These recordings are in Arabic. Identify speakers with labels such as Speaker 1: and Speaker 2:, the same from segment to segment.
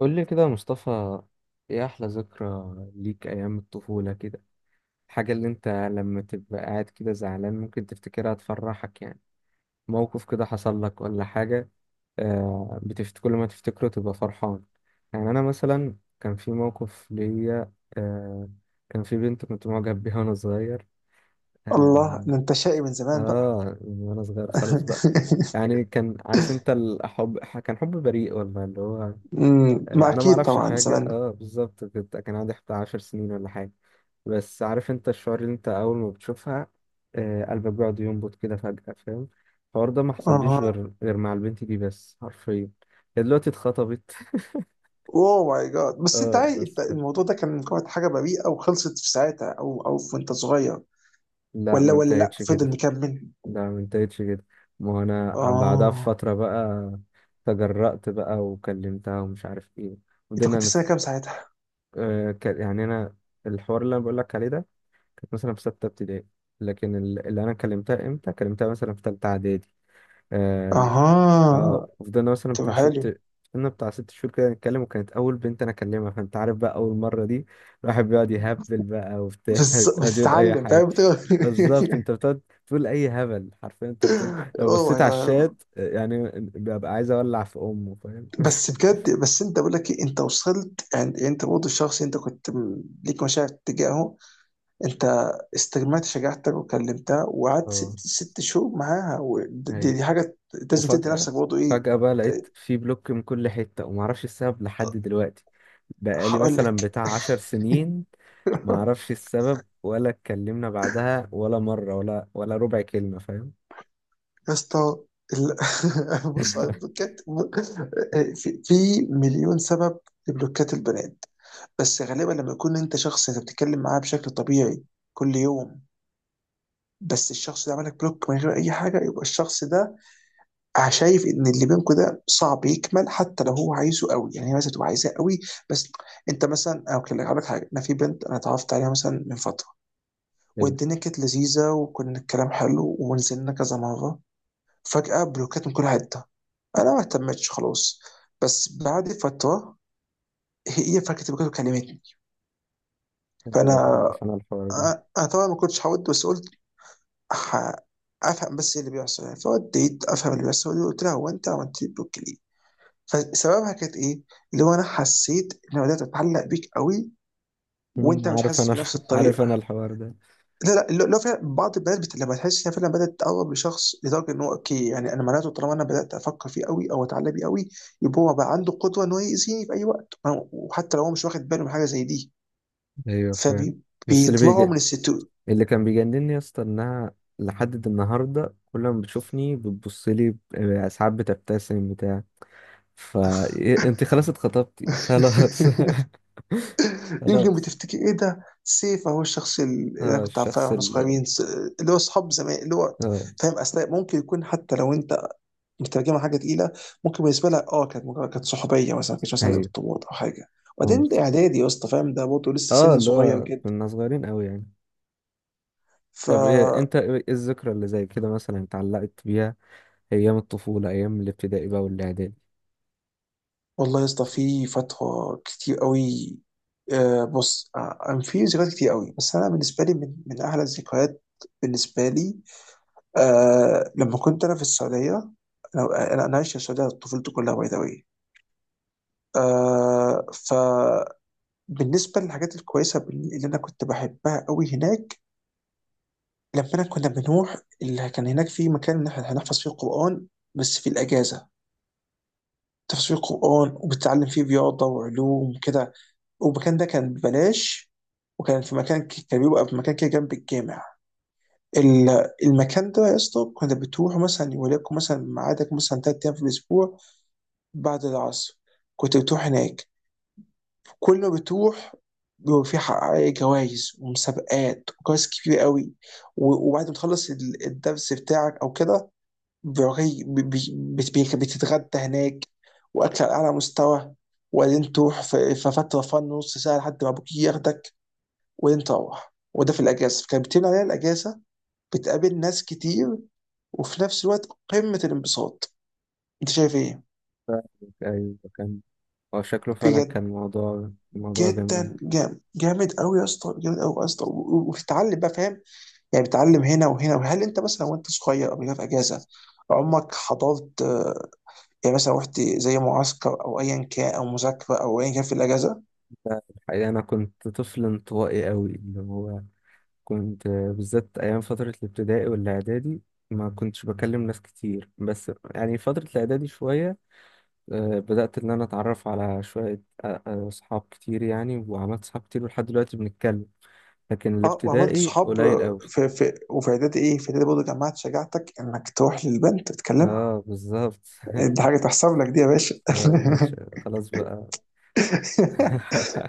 Speaker 1: قول لي كده يا مصطفى. ايه احلى ذكرى ليك ايام الطفولة كده؟ الحاجة اللي انت لما تبقى قاعد كده زعلان ممكن تفتكرها تفرحك يعني؟ موقف كده حصل لك ولا حاجة؟ آه، بتفت كل ما تفتكره تبقى فرحان. يعني انا مثلا كان في موقف ليا كان في بنت كنت معجب بيها وانا صغير.
Speaker 2: الله
Speaker 1: اه,
Speaker 2: ده انت شقي من زمان بقى.
Speaker 1: آه، من وانا صغير خالص بقى. يعني كان عارف انت الحب كان حب بريء والله اللي هو
Speaker 2: ما
Speaker 1: انا ما
Speaker 2: اكيد
Speaker 1: اعرفش
Speaker 2: طبعا
Speaker 1: حاجه
Speaker 2: زمان.
Speaker 1: بالظبط كان عندي بتاع 10 سنين ولا حاجه. بس عارف انت الشعور اللي انت اول ما بتشوفها. آه، قلبك بيقعد ينبض كده فجاه فاهم. الحوار ده ما حصليش
Speaker 2: اها.
Speaker 1: غير مع البنت دي بس حرفيا. هي دلوقتي اتخطبت.
Speaker 2: اوه ماي جاد، بس انت
Speaker 1: اه
Speaker 2: عايز، انت
Speaker 1: بس.
Speaker 2: الموضوع ده كان مجرد حاجه بريئه وخلصت في ساعتها، او في وانت صغير؟
Speaker 1: لا
Speaker 2: ولا
Speaker 1: ما
Speaker 2: ولا لا،
Speaker 1: انتهتش
Speaker 2: فضل
Speaker 1: كده.
Speaker 2: مكمل.
Speaker 1: لا ما انتهتش كده. ما هو انا بعدها
Speaker 2: اه.
Speaker 1: بفتره بقى تجرأت بقى وكلمتها ومش عارف ايه.
Speaker 2: انت
Speaker 1: وبدنا
Speaker 2: كنت سنه
Speaker 1: نتك...
Speaker 2: كام ساعتها؟
Speaker 1: يعني انا الحوار اللي انا بقول لك عليه ده كانت مثلا في ستة ابتدائي. لكن اللي أنا كلمتها مثلا في تالتة إعدادي. آه.
Speaker 2: اها.
Speaker 1: آه، وفضلنا مثلا
Speaker 2: طب
Speaker 1: بتاع
Speaker 2: حلو.
Speaker 1: ست فضلنا بتاع 6 شهور كده نتكلم وكانت أول بنت أنا أكلمها فأنت عارف بقى أول مرة دي. الواحد بيقعد يهبل بقى وبتاع
Speaker 2: بس
Speaker 1: يقعد يقول أي
Speaker 2: بتتعلم،
Speaker 1: حاجة.
Speaker 2: فاهم،
Speaker 1: بالظبط أنت بتقعد تقول أي هبل حرفيا أنت بتقول. لو
Speaker 2: اوه
Speaker 1: بصيت
Speaker 2: ماي
Speaker 1: على
Speaker 2: جاد.
Speaker 1: الشات آه، يعني ببقى عايز أولع في أمه فاهم
Speaker 2: بس بجد، بس انت بقول لك ايه، انت وصلت يعني، انت برضه الشخص، انت كنت ليك مشاعر تجاهه. انت استجمعت شجاعتك وكلمتها وقعدت
Speaker 1: اه.
Speaker 2: ست شهور معاها، ودي
Speaker 1: ايوه.
Speaker 2: دي حاجه لازم تدي
Speaker 1: وفجأة
Speaker 2: نفسك برضه ايه.
Speaker 1: فجأة بقى لقيت في بلوك من كل حتة ومعرفش السبب لحد دلوقتي. بقالي
Speaker 2: هقول
Speaker 1: مثلا
Speaker 2: لك.
Speaker 1: بتاع 10 سنين. ما اعرفش السبب ولا اتكلمنا بعدها ولا مرة ولا ربع كلمة فاهم.
Speaker 2: يا اسطى، بص على البلوكات. في مليون سبب لبلوكات البنات، بس غالبا لما يكون انت شخص انت بتتكلم معاه بشكل طبيعي كل يوم، بس الشخص ده عملك بلوك من غير اي حاجه، يبقى الشخص ده شايف ان اللي بينكم ده صعب يكمل، حتى لو هو عايزه قوي، يعني هي مثلا تبقى عايزاه قوي بس انت مثلا. او كده هقول لك حاجه، انا في بنت انا اتعرفت عليها مثلا من فتره،
Speaker 1: ايوه.
Speaker 2: والدنيا كانت لذيذه وكنا الكلام حلو ونزلنا كذا مره. فجاه بلوكات من كل حته. انا ما اهتمتش خلاص. بس بعد فتره هي فجاه بلوكات وكلمتني.
Speaker 1: أيوة،
Speaker 2: فانا
Speaker 1: عارف انا الحوار ده.
Speaker 2: أ- انا طبعا ما كنتش هود، بس قلت ه- افهم بس ايه اللي بيحصل، يعني فوديت افهم اللي بيحصل، وقلت لها هو انت عملت لي بلوك ليه؟ فسببها كانت ايه؟ اللي هو انا حسيت ان بدات اتعلق بيك قوي وانت مش
Speaker 1: عارف
Speaker 2: حاسس
Speaker 1: انا
Speaker 2: بنفس
Speaker 1: عارف انا
Speaker 2: الطريقه.
Speaker 1: الحوار ده.
Speaker 2: لا اللي هو فعلا بعض البنات لما تحس انها فعلا بدات تقرب لشخص لدرجه ان هو اوكي، يعني انا معناته طالما انا بدات افكر فيه قوي او اتعلق بيه قوي، يبقى هو بقى عنده قدوه ان هو يأذيني في اي وقت، وحتى لو هو مش واخد باله من حاجه زي دي،
Speaker 1: ايوه فاهم. بس اللي
Speaker 2: فبيطلعوا
Speaker 1: بيجي
Speaker 2: من الستور.
Speaker 1: اللي كان بيجنني يا اسطى انها لحد النهارده كل ما بتشوفني بتبص لي ساعات بتبتسم بتاع ف إيه، انت خلاص اتخطبتي خلاص
Speaker 2: يمكن
Speaker 1: خلاص.
Speaker 2: بتفتكر ايه ده سيف، هو الشخص اللي انا
Speaker 1: آه
Speaker 2: كنت عارفاه
Speaker 1: الشخص
Speaker 2: واحنا
Speaker 1: ال
Speaker 2: صغيرين، اللي هو اصحاب زمان، اللي هو
Speaker 1: اه.
Speaker 2: فاهم، اصل ممكن يكون حتى لو انت مترجمه حاجه تقيله، ممكن بالنسبه لها اه كانت مجرد كانت صحوبيه مثلا، ما كانتش مثلا
Speaker 1: ايوه.
Speaker 2: ارتباط او حاجه.
Speaker 1: هو
Speaker 2: وبعدين ده اعدادي يا اسطى، فاهم، ده برضه لسه
Speaker 1: اه
Speaker 2: سن
Speaker 1: اللي
Speaker 2: صغير
Speaker 1: هو
Speaker 2: جدا.
Speaker 1: كنا صغيرين قوي يعني.
Speaker 2: ف
Speaker 1: طب ايه انت ايه إيه الذكرى اللي زي كده مثلا اتعلقت بيها؟ ايام الطفولة ايام الابتدائي بقى والاعدادي.
Speaker 2: والله يا اسطى في فتره كتير قوي. آه بص، آه أنا في ذكريات كتير قوي، بس انا بالنسبه لي من احلى الذكريات بالنسبه لي، آه لما كنت انا في السعوديه. انا انا أنا عايش في السعوديه طفولتي كلها، باي ذا واي. آه، فبالنسبه للحاجات الكويسه اللي انا كنت بحبها قوي هناك، لما كنا بنروح اللي كان هناك، في مكان إن إحنا هنحفظ فيه القرآن بس في الأجازة، تحفظ فيه القرآن وبتتعلم فيه رياضة وعلوم وكده، والمكان ده كان ببلاش، وكان في مكان كان في مكان كده جنب الجامع. المكان ده يا اسطى كنا بتروح مثلا، وليكن مثلا ميعادك مثلا تلات أيام في الأسبوع بعد العصر، كنت بتروح هناك. كل ما بتروح، بيبقى في جوائز ومسابقات وجوائز كبيرة قوي، وبعد ما تخلص الدرس بتاعك أو كده، بتتغدى هناك، واكل على اعلى مستوى، وبعدين تروح في فتره نص ساعه لحد ما ابوك ياخدك، وبعدين تروح. وده في الاجازه، فكانت بتمنع عليها الاجازه، بتقابل ناس كتير، وفي نفس الوقت قمه الانبساط. انت شايف ايه؟
Speaker 1: ايوه كان هو شكله فعلا
Speaker 2: بجد
Speaker 1: كان موضوع جميل.
Speaker 2: جدا، جامد قوي يا اسطى، جامد قوي يا اسطى، و- و- وبتتعلم بقى، فاهم، يعني بتتعلم هنا وهنا. وهل انت مثلا وانت صغير قبل كده في اجازه عمرك حضرت، يعني مثلا رحت زي معسكر او ايا كان، او مذاكره او ايا كان في الاجازه؟
Speaker 1: الحقيقة انا كنت طفل انطوائي قوي اللي هو كنت بالذات ايام فترة الابتدائي والاعدادي ما كنتش بكلم ناس كتير بس يعني فترة الاعدادي شوية. آه، بدأت ان انا اتعرف على شوية اصحاب كتير يعني وعملت صحاب كتير ولحد دلوقتي بنتكلم. لكن
Speaker 2: اه وعملت
Speaker 1: الابتدائي
Speaker 2: صحاب
Speaker 1: قليل قوي.
Speaker 2: في في وفي اعدادي ايه، في اعدادي برضه جمعت شجاعتك انك تروح للبنت تتكلمها؟
Speaker 1: اه بالظبط
Speaker 2: دي حاجه تحسب لك دي يا باشا.
Speaker 1: اه يا باشا خلاص بقى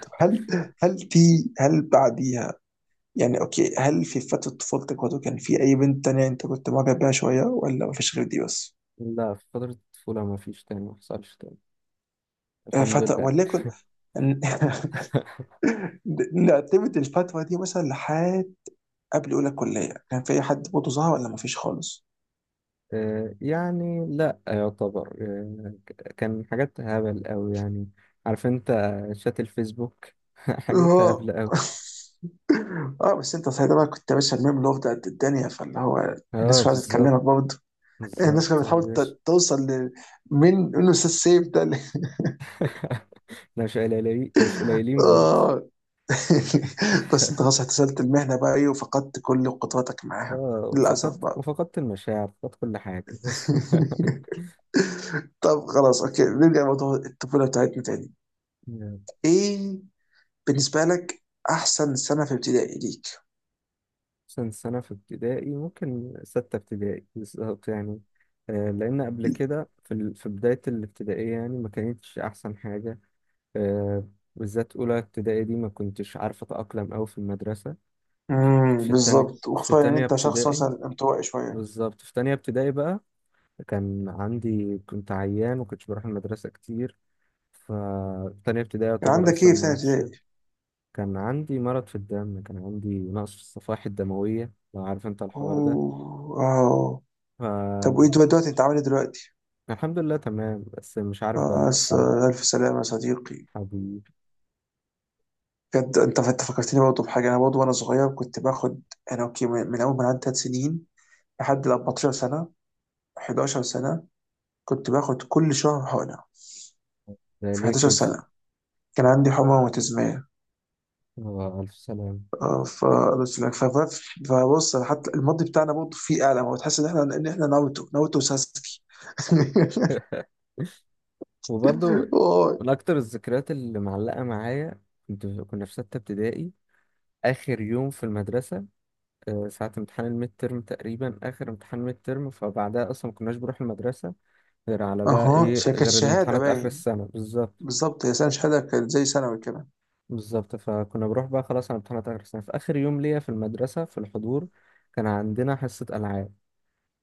Speaker 2: طب هل، هل في هل بعديها يعني اوكي، هل في فتره طفولتك برضه كان في اي بنت تانية انت كنت معجب بيها شويه، ولا مفيش غير دي بس؟
Speaker 1: لا في فترة الطفولة ما فيش تاني ما حصلش تاني.
Speaker 2: آه،
Speaker 1: الحمد
Speaker 2: فترة
Speaker 1: لله يعني.
Speaker 2: وليكن. نعتمد الفترة دي مثلا لحد قبل اولى كليه، كان في اي حد برضه ظهر ولا مفيش خالص؟
Speaker 1: آه، يعني لا يعتبر كان حاجات هبل قوي يعني. عارف انت شات الفيسبوك حاجات
Speaker 2: اه.
Speaker 1: هبل قوي.
Speaker 2: اه بس انت ساعتها بقى كنت يا باشا الميم لوف ده قد الدنيا، فاللي هو
Speaker 1: اه
Speaker 2: الناس كانت عايزه
Speaker 1: بالظبط.
Speaker 2: تكلمك برضه، الناس كانت
Speaker 1: بالظبط يا
Speaker 2: بتحاول
Speaker 1: باشا
Speaker 2: توصل ل- من انه استاذ سيف ده ل-.
Speaker 1: لا، مش قليلين مش قليلين برضه
Speaker 2: اه. بس انت خلاص احتسبت المهنه بقى ايه، وفقدت كل قدراتك
Speaker 1: اه.
Speaker 2: معاها للاسف
Speaker 1: وفقدت
Speaker 2: بقى.
Speaker 1: وفقدت المشاعر فقدت كل حاجة
Speaker 2: طب خلاص اوكي، نرجع لموضوع الطفوله بتاعتنا تاني. ايه بالنسبه لك احسن سنه في ابتدائي ليك؟
Speaker 1: مثلا سنة في ابتدائي ممكن ستة ابتدائي بالظبط يعني. آه، لأن قبل كده في بداية الابتدائية يعني ما كانتش أحسن حاجة. آه، بالذات أولى ابتدائي دي ما كنتش عارف أتأقلم أوي في المدرسة. في
Speaker 2: امم،
Speaker 1: في تاني
Speaker 2: بالظبط،
Speaker 1: في
Speaker 2: وخصوصا ان
Speaker 1: تانية
Speaker 2: انت شخص
Speaker 1: ابتدائي.
Speaker 2: مثلا انطوائي شويه.
Speaker 1: بالظبط في تانية ابتدائي بقى كان عندي كنت عيان وكنتش بروح المدرسة كتير. فتانية ابتدائي
Speaker 2: كان
Speaker 1: يعتبر
Speaker 2: عندك ايه
Speaker 1: أصلا
Speaker 2: في
Speaker 1: ما
Speaker 2: سنه
Speaker 1: عادش.
Speaker 2: ابتدائي؟
Speaker 1: كان عندي مرض في الدم كان عندي نقص في الصفائح الدموية لو عارف أنت الحوار
Speaker 2: اوه اه. طب وايه
Speaker 1: ده.
Speaker 2: دلوقتي، دلوقتي انت عامل ايه دلوقتي؟
Speaker 1: الحمد لله تمام بس مش عارف بقى
Speaker 2: آه،
Speaker 1: أنا أصلا.
Speaker 2: الف سلامه يا صديقي.
Speaker 1: حبيبي.
Speaker 2: بجد انت، انت فكرتني برضه بحاجه، انا برضه وانا صغير كنت باخد. انا اوكي، من اول ما عندي 3 سنين لحد ال 14 سنه، 11 سنه، كنت باخد كل شهر حقنه.
Speaker 1: ده
Speaker 2: في
Speaker 1: ليه
Speaker 2: 11
Speaker 1: كده؟
Speaker 2: سنه كان عندي حمى روماتيزميه.
Speaker 1: هو ألف سلام.
Speaker 2: اه ف بس لا، ف- ف- فبص، أنا حتى الماضي بتاعنا برضه فيه اعلى، هو تحس ان احنا ان احنا ناروتو، وساسكي.
Speaker 1: وبرضه من
Speaker 2: واي.
Speaker 1: أكتر الذكريات اللي معلقة معايا كنا في ستة ابتدائي آخر يوم في المدرسة. آه، ساعة امتحان الميد ترم تقريبا آخر امتحان ميد ترم فبعدها أصلا ما كناش بنروح المدرسة غير على بقى
Speaker 2: اها،
Speaker 1: إيه
Speaker 2: كانت
Speaker 1: غير
Speaker 2: شهاده
Speaker 1: الامتحانات آخر
Speaker 2: باين،
Speaker 1: السنة بالظبط.
Speaker 2: بالظبط، هي سنه شهاده، كانت زي ثانوي كده.
Speaker 1: بالظبط فكنا بروح بقى خلاص على امتحانات آخر السنة في آخر يوم ليا في المدرسة في الحضور كان عندنا حصة ألعاب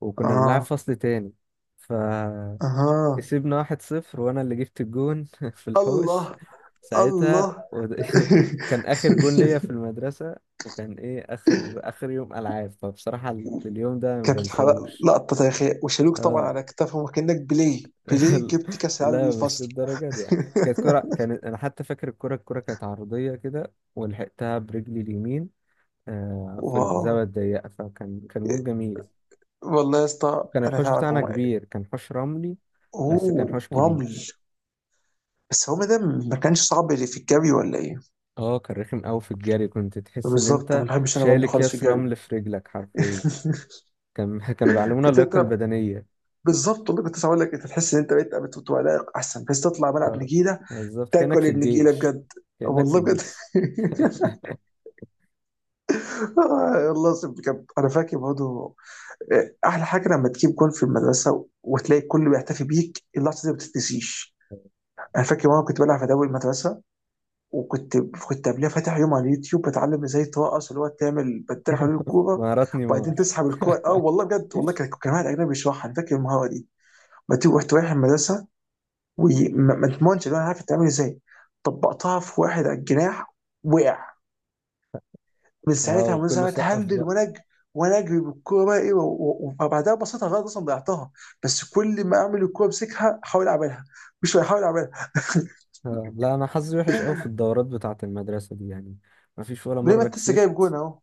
Speaker 1: وكنا بنلعب
Speaker 2: اها.
Speaker 1: فصل تاني فكسبنا
Speaker 2: اها.
Speaker 1: 1-0 وانا اللي جبت الجون في الحوش
Speaker 2: الله.
Speaker 1: ساعتها
Speaker 2: الله.
Speaker 1: وكان اخر جون ليا في المدرسة. وكان ايه اخر يوم العاب فبصراحة اليوم ده ما
Speaker 2: كانت
Speaker 1: بنساهوش.
Speaker 2: لقطه تاريخيه، وشالوك طبعا
Speaker 1: اه
Speaker 2: على كتافهم، وكانك بيليه بيليه جبت كاس العالم
Speaker 1: لا مش
Speaker 2: للفصل.
Speaker 1: للدرجة دي يعني كانت كرة كانت انا حتى فاكر الكرة كانت عرضية كده ولحقتها برجلي اليمين. آه، في
Speaker 2: واو،
Speaker 1: الزاوية الضيقة فكان جون جميل.
Speaker 2: والله يا اسطى
Speaker 1: كان
Speaker 2: انا
Speaker 1: الحوش
Speaker 2: فاهمك
Speaker 1: بتاعنا
Speaker 2: والله.
Speaker 1: كبير كان حوش رملي بس
Speaker 2: اوه
Speaker 1: كان حوش
Speaker 2: رمل.
Speaker 1: كبير.
Speaker 2: بس هو ده ما كانش صعب اللي في الجري ولا ايه؟
Speaker 1: اه كان رخم قوي في الجري كنت تحس ان
Speaker 2: بالظبط، انا
Speaker 1: انت
Speaker 2: ما بحبش، انا
Speaker 1: شايل
Speaker 2: بمضي خالص في
Speaker 1: اكياس
Speaker 2: الجري.
Speaker 1: رمل في رجلك حرفيا. كانوا بيعلمونا اللياقة
Speaker 2: بتتعب.
Speaker 1: البدنية.
Speaker 2: بالظبط والله، كنت لسه هقول لك، انت تحس ان انت بقيت بتبقى لايق احسن، بس تطلع ملعب
Speaker 1: اه
Speaker 2: نجيله
Speaker 1: بالظبط كأنك
Speaker 2: تاكل
Speaker 1: في
Speaker 2: النجيله
Speaker 1: الجيش.
Speaker 2: بجد.
Speaker 1: كأنك في
Speaker 2: والله بجد.
Speaker 1: الجيش.
Speaker 2: آه، والله العظيم بجد انا فاكر برضه. آه، احلى حاجه لما تجيب جول في المدرسه وتلاقي الكل بيحتفي بيك، اللحظه دي ما بتتنسيش. انا فاكر مره كنت بلعب في دوري المدرسه، وكنت قبلها فاتح يوم على اليوتيوب بتعلم ازاي ترقص، اللي هو تعمل بتطير حوالين الكوره
Speaker 1: مهارات
Speaker 2: وبعدين
Speaker 1: نيمار.
Speaker 2: تسحب الكوره. اه والله بجد، والله كان، كان واحد اجنبي بيشرحها، انا فاكر المهاره دي بتيجي. رحت رايح المدرسه، وما تضمنش اللي انا عارف تعمل ازاي، طبقتها في واحد على الجناح، وقع. من
Speaker 1: اه
Speaker 2: ساعتها وانا
Speaker 1: وكله
Speaker 2: ساعتها
Speaker 1: سقف
Speaker 2: اتهلل
Speaker 1: بقى.
Speaker 2: ونجري، ونجري بالكوره بقى ايه، و- و- وبعدها بصيتها غلط اصلا ضيعتها. بس كل ما اعمل الكوره امسكها احاول اعملها، مش بحاول اعملها.
Speaker 1: آه. لا انا حظي وحش قوي في الدورات بتاعة المدرسة دي يعني ما فيش ولا
Speaker 2: ليه، ما
Speaker 1: مرة
Speaker 2: انت لسه جايب
Speaker 1: كسبت.
Speaker 2: جون اهو.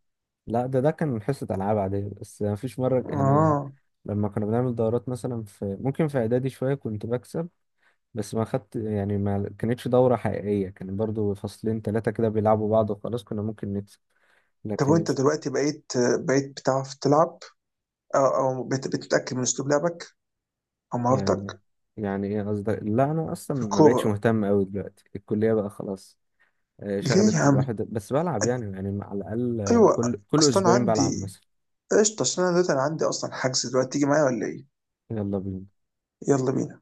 Speaker 1: لا ده كان حصة ألعاب عادية بس مفيش مرة يعني
Speaker 2: اه.
Speaker 1: لما كنا بنعمل دورات مثلا في ممكن في إعدادي شوية كنت بكسب. بس ما خدت يعني ما كانتش دورة حقيقية كان برضو فصلين تلاتة كده بيلعبوا بعض وخلاص كنا ممكن نكسب.
Speaker 2: طب
Speaker 1: لكن
Speaker 2: وانت دلوقتي بقيت، بتعرف تلعب، او بتتاكد من اسلوب لعبك او
Speaker 1: يعني
Speaker 2: مهارتك
Speaker 1: يعني إيه قصدك؟ لا أنا أصلا
Speaker 2: في
Speaker 1: ما بقتش
Speaker 2: الكوره؟
Speaker 1: مهتم أوي دلوقتي الكلية بقى خلاص. آه،
Speaker 2: ليه يا
Speaker 1: شغلت
Speaker 2: عم؟
Speaker 1: الواحد بس بلعب يعني على الأقل آه،
Speaker 2: ايوه،
Speaker 1: كل
Speaker 2: اصلا
Speaker 1: أسبوعين بلعب
Speaker 2: عندي
Speaker 1: مثلا.
Speaker 2: قشطه، عشان انا دلوقتي انا عندي اصلا حجز دلوقتي، تيجي معايا ولا ايه؟
Speaker 1: يلا بينا
Speaker 2: يلا بينا.